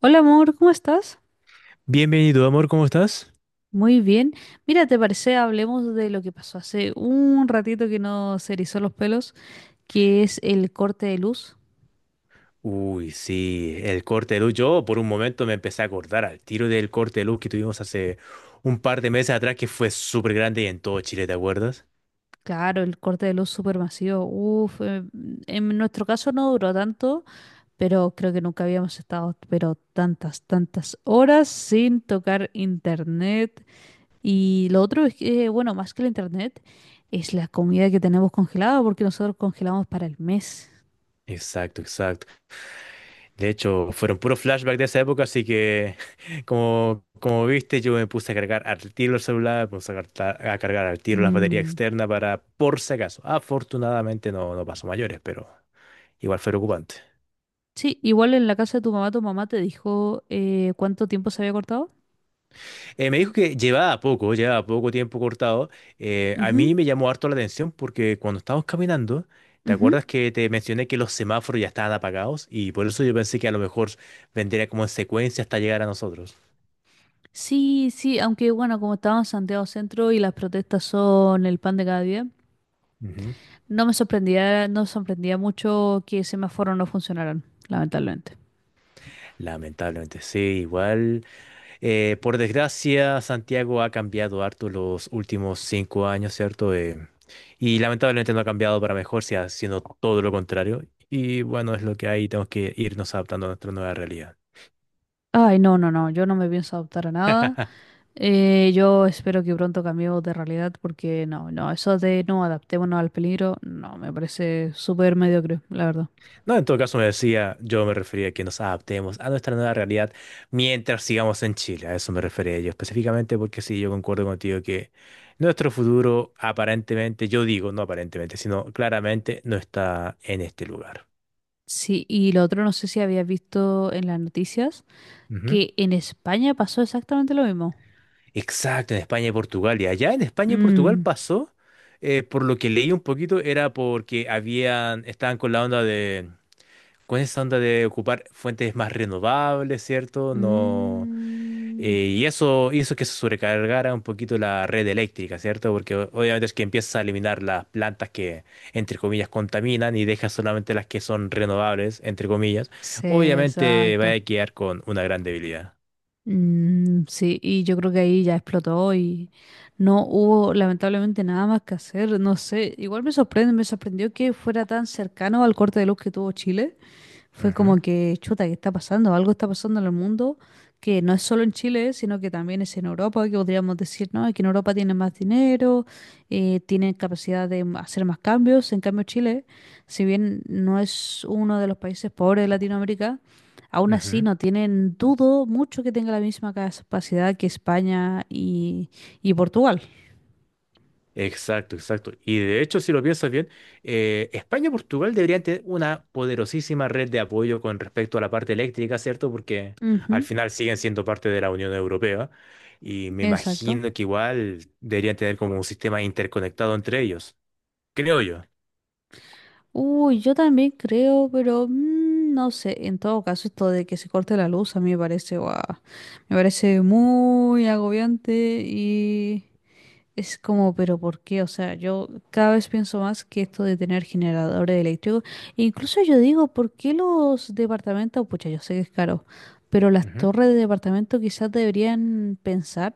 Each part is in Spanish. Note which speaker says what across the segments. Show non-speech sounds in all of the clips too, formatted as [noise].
Speaker 1: Hola amor, ¿cómo estás?
Speaker 2: Bienvenido, amor, ¿cómo estás?
Speaker 1: Muy bien. Mira, ¿te parece? Hablemos de lo que pasó hace un ratito que nos erizó los pelos, que es el corte de luz.
Speaker 2: Uy, sí, el corte de luz. Yo por un momento me empecé a acordar al tiro del corte de luz que tuvimos hace un par de meses atrás, que fue súper grande y en todo Chile, ¿te acuerdas?
Speaker 1: Claro, el corte de luz supermasivo. Uf, en nuestro caso no duró tanto, pero creo que nunca habíamos estado, pero tantas, tantas horas sin tocar internet. Y lo otro es que, bueno, más que el internet, es la comida que tenemos congelada, porque nosotros congelamos para el mes.
Speaker 2: Exacto, exacto. De hecho, fueron puros flashbacks de esa época, así que [laughs] como viste, yo me puse a cargar al tiro el celular, me puse a cargar al tiro las baterías
Speaker 1: Mm.
Speaker 2: externas para por si acaso. Afortunadamente no, no pasó mayores, pero igual fue preocupante.
Speaker 1: Sí, igual en la casa de tu mamá te dijo cuánto tiempo se había cortado.
Speaker 2: Me dijo que llevaba poco tiempo cortado. A
Speaker 1: Ujú,
Speaker 2: mí me llamó harto la atención porque cuando estábamos caminando, ¿te
Speaker 1: ujú.
Speaker 2: acuerdas que te mencioné que los semáforos ya estaban apagados? Y por eso yo pensé que a lo mejor vendría como en secuencia hasta llegar a nosotros.
Speaker 1: Sí, sí, aunque bueno, como estaba en Santiago Centro y las protestas son el pan de cada día,
Speaker 2: Ujú.
Speaker 1: no me sorprendía, no sorprendía mucho que semáforos no funcionaran, lamentablemente.
Speaker 2: Lamentablemente, sí, igual. Por desgracia, Santiago ha cambiado harto los últimos 5 años, ¿cierto? Y lamentablemente no ha cambiado para mejor, si haciendo todo lo contrario. Y bueno, es lo que hay, tenemos que irnos adaptando a nuestra nueva realidad.
Speaker 1: Ay, no, no, no, yo no me pienso adoptar a nada.
Speaker 2: [laughs]
Speaker 1: Yo espero que pronto cambiemos de realidad porque no, no, eso de no adaptémonos al peligro, no, me parece súper mediocre, la verdad.
Speaker 2: No, en todo caso me decía, yo me refería a que nos adaptemos a nuestra nueva realidad mientras sigamos en Chile. A eso me refería yo específicamente porque sí, yo concuerdo contigo que nuestro futuro aparentemente, yo digo no aparentemente, sino claramente no está en este lugar.
Speaker 1: Sí, y lo otro no sé si habías visto en las noticias,
Speaker 2: Ujú.
Speaker 1: que en España pasó exactamente lo mismo.
Speaker 2: Exacto, en España y Portugal. Y allá en España y Portugal
Speaker 1: Mm.
Speaker 2: pasó, por lo que leí un poquito, era porque estaban con con esa onda de ocupar fuentes más renovables, ¿cierto? No.
Speaker 1: Mm.
Speaker 2: Y eso hizo que se sobrecargara un poquito la red eléctrica, ¿cierto? Porque obviamente es que empiezas a eliminar las plantas que, entre comillas, contaminan y dejas solamente las que son renovables, entre comillas.
Speaker 1: Sí,
Speaker 2: Obviamente va
Speaker 1: exacto.
Speaker 2: a quedar con una gran debilidad.
Speaker 1: Mm, sí, y yo creo que ahí ya explotó y no hubo lamentablemente nada más que hacer, no sé, igual me sorprende, me sorprendió que fuera tan cercano al corte de luz que tuvo Chile, fue como
Speaker 2: Ujú,
Speaker 1: que, chuta, ¿qué está pasando? Algo está pasando en el mundo que no es solo en Chile, sino que también es en Europa, que podríamos decir, no, es que en Europa tienen más dinero, tienen capacidad de hacer más cambios, en cambio Chile, si bien no es uno de los países pobres de Latinoamérica, aún así,
Speaker 2: ujú.
Speaker 1: no tienen, dudo mucho que tenga la misma capacidad que España y Portugal.
Speaker 2: Exacto, exacto. Y de hecho, si lo piensas bien, España y Portugal deberían tener una poderosísima red de apoyo con respecto a la parte eléctrica, ¿cierto? Porque al
Speaker 1: Ujú,
Speaker 2: final siguen siendo parte de la Unión Europea y me
Speaker 1: exacto.
Speaker 2: imagino que igual deberían tener como un sistema interconectado entre ellos, creo yo.
Speaker 1: Uy, yo también creo, pero no sé. En todo caso, esto de que se corte la luz a mí me parece, guau, me parece muy agobiante. Y Es como, pero ¿por qué? O sea, yo cada vez pienso más que esto de tener generadores eléctricos. E incluso yo digo, ¿por qué los departamentos? Pucha, yo sé que es caro, pero las
Speaker 2: Ujú.
Speaker 1: torres de departamento quizás deberían pensar,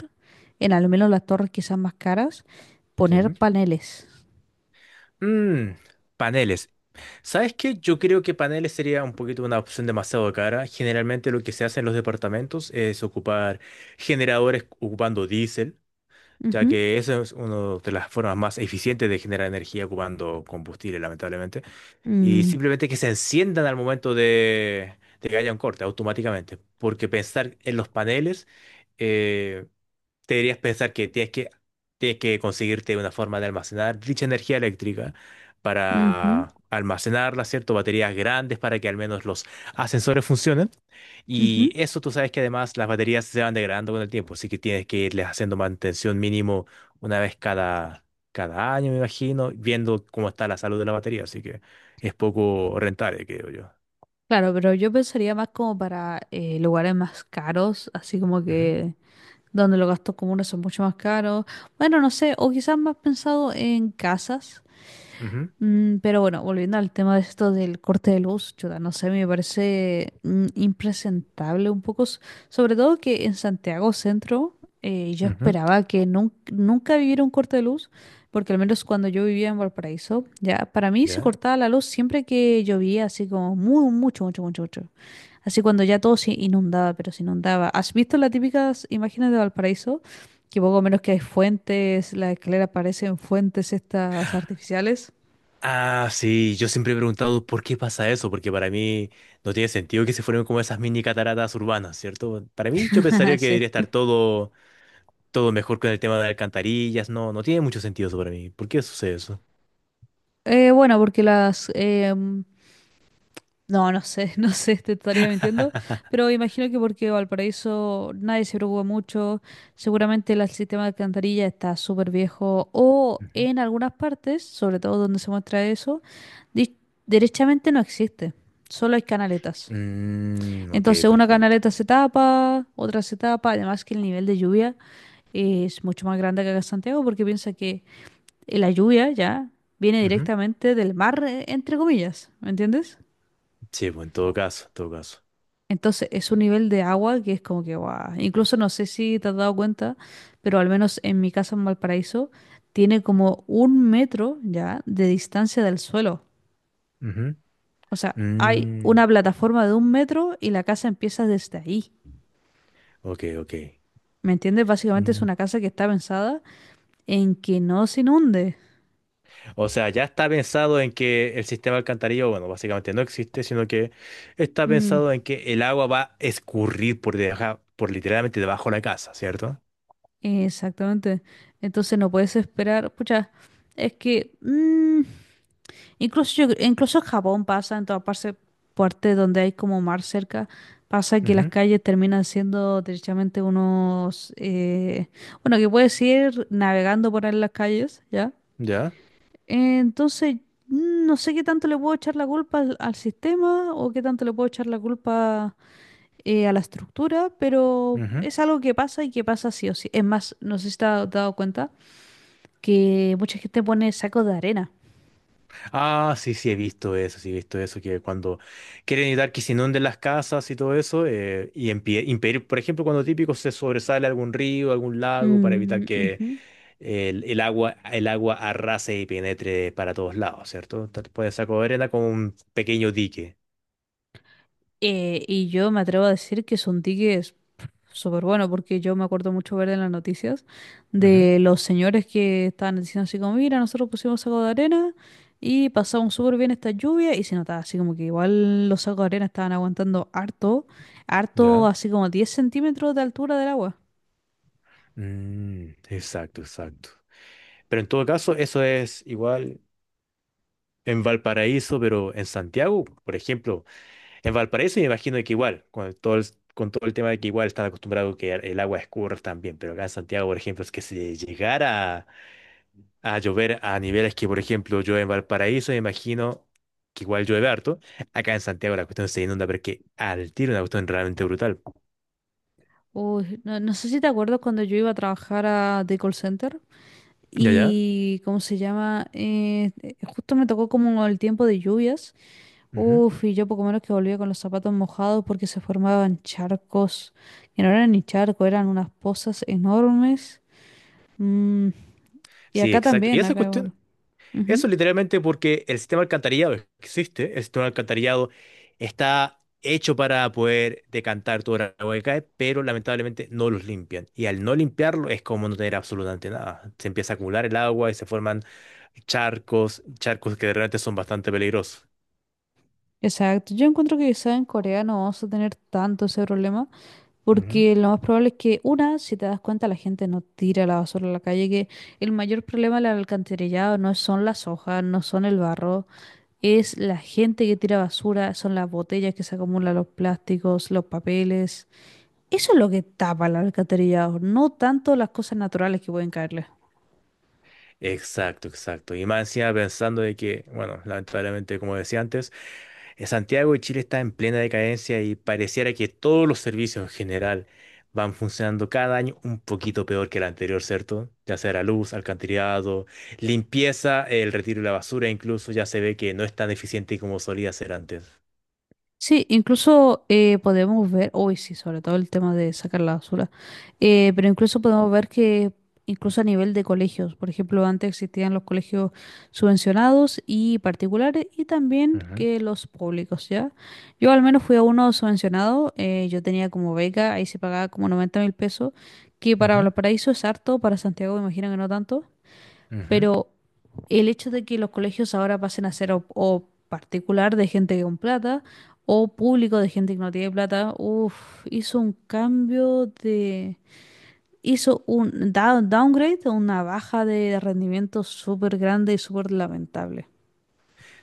Speaker 1: en al menos las torres quizás más caras,
Speaker 2: Sí.
Speaker 1: poner
Speaker 2: ¿No?
Speaker 1: paneles.
Speaker 2: Mm, Paneles. ¿Sabes qué? Yo creo que paneles sería un poquito una opción demasiado cara. Generalmente lo que se hace en los departamentos es ocupar generadores ocupando diésel, ya
Speaker 1: Ujú,
Speaker 2: que esa es una de las formas más eficientes de generar energía ocupando combustible, lamentablemente. Y
Speaker 1: mm,
Speaker 2: simplemente que se enciendan al momento de, que haya un corte, automáticamente. Porque pensar en los paneles, eh, deberías pensar que tienes que conseguirte una forma de almacenar dicha energía eléctrica
Speaker 1: ujú,
Speaker 2: para almacenarla, ¿cierto? Baterías grandes para que al menos los ascensores funcionen. Y
Speaker 1: ujú.
Speaker 2: eso tú sabes que además las baterías se van degradando con el tiempo, así que tienes que irles haciendo mantención mínimo una vez cada año, me imagino, viendo cómo está la salud de la batería, así que es poco rentable, creo yo.
Speaker 1: Claro, pero yo pensaría más como para lugares más caros, así como
Speaker 2: Ujú,
Speaker 1: que donde los gastos comunes son mucho más caros. Bueno, no sé, o quizás más pensado en casas. Pero bueno, volviendo al tema de esto del corte de luz, chuta, no sé, me parece impresentable un poco, sobre todo que en Santiago Centro yo
Speaker 2: ujú, ujú.
Speaker 1: esperaba que nunca viviera un corte de luz, porque al menos cuando yo vivía en Valparaíso, ya para mí se
Speaker 2: ¿Ya?
Speaker 1: cortaba la luz siempre que llovía, así como muy, mucho, mucho, mucho, mucho. Así cuando ya todo se inundaba, pero se inundaba. ¿Has visto las típicas imágenes de Valparaíso? Que poco menos que hay fuentes, las escaleras parecen fuentes estas artificiales.
Speaker 2: Ah, sí, yo siempre he preguntado por qué pasa eso, porque para mí no tiene sentido que se formen como esas mini cataratas urbanas, ¿cierto? Para mí yo
Speaker 1: [laughs]
Speaker 2: pensaría que
Speaker 1: Sí.
Speaker 2: debería estar todo, todo mejor con el tema de alcantarillas, no, no tiene mucho sentido eso para mí. ¿Por qué sucede eso?
Speaker 1: Bueno, porque las no, no sé, [laughs] no sé, te estaría mintiendo,
Speaker 2: [laughs]
Speaker 1: pero imagino que porque Valparaíso nadie se preocupa mucho, seguramente el sistema de alcantarilla está súper viejo o
Speaker 2: Ujú.
Speaker 1: en algunas partes, sobre todo donde se muestra eso, di- derechamente no existe, solo hay canaletas.
Speaker 2: Mm, ok,
Speaker 1: Entonces una
Speaker 2: perfecto.
Speaker 1: canaleta se tapa, otra se tapa, además que el nivel de lluvia es mucho más grande que acá en Santiago porque piensa que y la lluvia ya viene
Speaker 2: Ujú.
Speaker 1: directamente del mar, entre comillas, ¿me entiendes?
Speaker 2: Sí, pues en todo caso, en todo caso.
Speaker 1: Entonces es un nivel de agua que es como que, guau. Incluso no sé si te has dado cuenta, pero al menos en mi casa en Valparaíso tiene como un metro ya de distancia del suelo.
Speaker 2: Ujú.
Speaker 1: O sea, hay
Speaker 2: Mm,
Speaker 1: una plataforma de un metro y la casa empieza desde ahí.
Speaker 2: ok, ok.
Speaker 1: ¿Me entiendes? Básicamente es
Speaker 2: Mm,
Speaker 1: una casa que está pensada en que no se inunde.
Speaker 2: O sea, ya está pensado en que el sistema alcantarillado, bueno, básicamente no existe, sino que está
Speaker 1: Mm,
Speaker 2: pensado en que el agua va a escurrir por debajo, por literalmente debajo de la casa, ¿cierto?
Speaker 1: exactamente. Entonces no puedes esperar, pucha, es que incluso yo, incluso en Japón pasa, en toda parte, parte donde hay como mar cerca, pasa que las
Speaker 2: Ujú,
Speaker 1: calles terminan siendo derechamente unos, bueno, que puedes ir navegando por ahí en las calles, ¿ya?
Speaker 2: ya.
Speaker 1: Entonces, no sé qué tanto le puedo echar la culpa al, al sistema o qué tanto le puedo echar la culpa a la estructura, pero
Speaker 2: Ujú.
Speaker 1: es algo que pasa y que pasa sí o sí. Es más, no sé si te has dado cuenta que mucha gente pone sacos de arena.
Speaker 2: Ah, sí, sí, he visto eso, sí, he visto eso, que cuando quieren evitar que se inunden las casas y todo eso, y impedir, por ejemplo, cuando típico se sobresale algún río, algún lago, para evitar
Speaker 1: Mm,
Speaker 2: que
Speaker 1: ujú.
Speaker 2: el agua arrase y penetre para todos lados, ¿cierto? Puede sacar arena como un pequeño dique.
Speaker 1: Y yo me atrevo a decir que son tickets súper buenos, porque yo me acuerdo mucho ver en las noticias
Speaker 2: Ujú,
Speaker 1: de los señores que estaban diciendo así como, mira, nosotros pusimos saco de arena y pasamos súper bien esta lluvia y se notaba así como que igual los sacos de arena estaban aguantando harto, harto
Speaker 2: ya.
Speaker 1: así como 10 centímetros de altura del agua.
Speaker 2: Mm, exacto, exacto. Pero en todo caso, eso es igual en Valparaíso, pero en Santiago, por ejemplo, en Valparaíso me imagino que igual, con todo el tema de que igual están acostumbrados que el agua escurra también, pero acá en Santiago, por ejemplo, es que si llegara a, llover a niveles que, por ejemplo, yo en Valparaíso me imagino que igual llueve harto, acá en Santiago la cuestión se inunda, pero es que al tiro una cuestión realmente brutal.
Speaker 1: Uy, no, no sé si te acuerdas cuando yo iba a trabajar a The Call Center
Speaker 2: Ya, ya.
Speaker 1: y, ¿cómo se llama? Justo me tocó como el tiempo de lluvias.
Speaker 2: Ujú.
Speaker 1: Uf, y yo poco menos que volvía con los zapatos mojados porque se formaban charcos, que no eran ni charcos, eran unas pozas enormes. Mm, y
Speaker 2: Sí,
Speaker 1: acá
Speaker 2: exacto. Y
Speaker 1: también,
Speaker 2: esa
Speaker 1: acá igual.
Speaker 2: cuestión.
Speaker 1: Ujú,
Speaker 2: Eso literalmente porque el sistema alcantarillado existe, el sistema alcantarillado está hecho para poder decantar toda el agua que cae, pero lamentablemente no los limpian. Y al no limpiarlo es como no tener absolutamente nada. Se empieza a acumular el agua y se forman charcos, charcos que de repente son bastante peligrosos.
Speaker 1: exacto, yo encuentro que quizá en Corea no vamos a tener tanto ese problema,
Speaker 2: Ujú.
Speaker 1: porque lo más probable es que, una, si te das cuenta, la gente no tira la basura a la calle, que el mayor problema del alcantarillado no son las hojas, no son el barro, es la gente que tira basura, son las botellas que se acumulan, los plásticos, los papeles. Eso es lo que tapa el alcantarillado, no tanto las cosas naturales que pueden caerle.
Speaker 2: Exacto, exacto. Y más encima pensando de que, bueno, lamentablemente, como decía antes, en Santiago de Chile está en plena decadencia y pareciera que todos los servicios en general van funcionando cada año un poquito peor que el anterior, ¿cierto? Ya sea la luz, alcantarillado, limpieza, el retiro de la basura, incluso ya se ve que no es tan eficiente como solía ser antes.
Speaker 1: Sí, incluso podemos ver, hoy sí, sobre todo el tema de sacar la basura, pero incluso podemos ver que incluso a nivel de colegios, por ejemplo, antes existían los colegios subvencionados y particulares y también
Speaker 2: Ujú,
Speaker 1: que los públicos, ¿ya? Yo al menos fui a uno subvencionado, yo tenía como beca, ahí se pagaba como 90 mil pesos, que para
Speaker 2: ujú,
Speaker 1: Valparaíso es harto, para Santiago me imagino que no tanto.
Speaker 2: ujú.
Speaker 1: Pero el hecho de que los colegios ahora pasen a ser o particular de gente con plata o público de gente que no tiene plata, uff, hizo un downgrade, una baja de rendimiento súper grande y súper lamentable.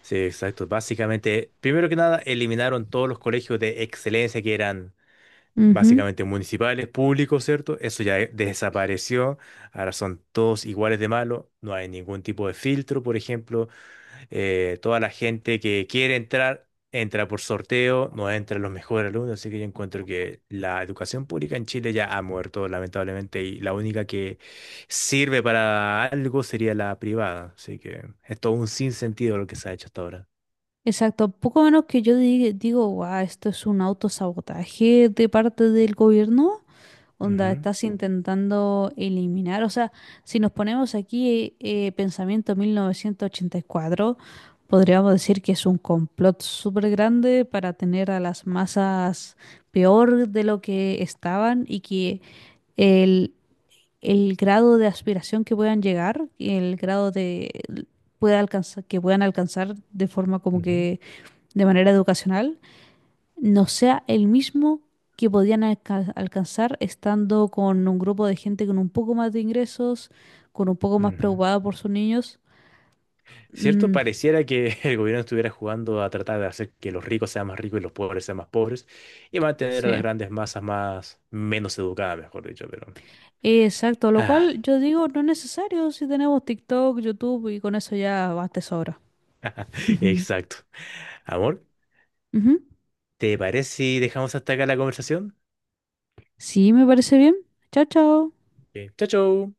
Speaker 2: Sí, exacto. Básicamente, primero que nada, eliminaron todos los colegios de excelencia que eran
Speaker 1: Ujú,
Speaker 2: básicamente municipales, públicos, ¿cierto? Eso ya desapareció, ahora son todos iguales de malos, no hay ningún tipo de filtro, por ejemplo, toda la gente que quiere entrar, entra por sorteo, no entran los mejores alumnos, así que yo encuentro que la educación pública en Chile ya ha muerto, lamentablemente, y la única que sirve para algo sería la privada, así que es todo un sinsentido lo que se ha hecho hasta ahora.
Speaker 1: exacto, poco menos que yo digo, guau, esto es un autosabotaje de parte del gobierno, onda, estás intentando eliminar, o sea, si nos ponemos aquí pensamiento 1984, podríamos decir que es un complot súper grande para tener a las masas peor de lo que estaban y que el, el grado de aspiración que puedan llegar, el grado de pueda alcanzar, que puedan alcanzar de forma como
Speaker 2: Ujú, ujú,
Speaker 1: que de manera educacional no sea el mismo que podían alcanzar estando con un grupo de gente con un poco más de ingresos, con un poco más
Speaker 2: ujú.
Speaker 1: preocupada por sus niños.
Speaker 2: ¿Cierto?
Speaker 1: Mm,
Speaker 2: Pareciera que [laughs] el gobierno estuviera jugando a tratar de hacer que los ricos sean más ricos y los pobres sean más pobres y mantener a
Speaker 1: sí,
Speaker 2: las grandes masas más menos educadas, mejor dicho, pero.
Speaker 1: exacto, lo
Speaker 2: Ah,
Speaker 1: cual yo digo no es necesario si tenemos TikTok, YouTube y con eso ya basta y sobra.
Speaker 2: [laughs]
Speaker 1: [laughs]
Speaker 2: exacto. Amor,
Speaker 1: Ujú.
Speaker 2: ¿te parece si dejamos hasta acá la conversación?
Speaker 1: Sí, me parece bien. Chao, chao.
Speaker 2: Ok, chao, chao.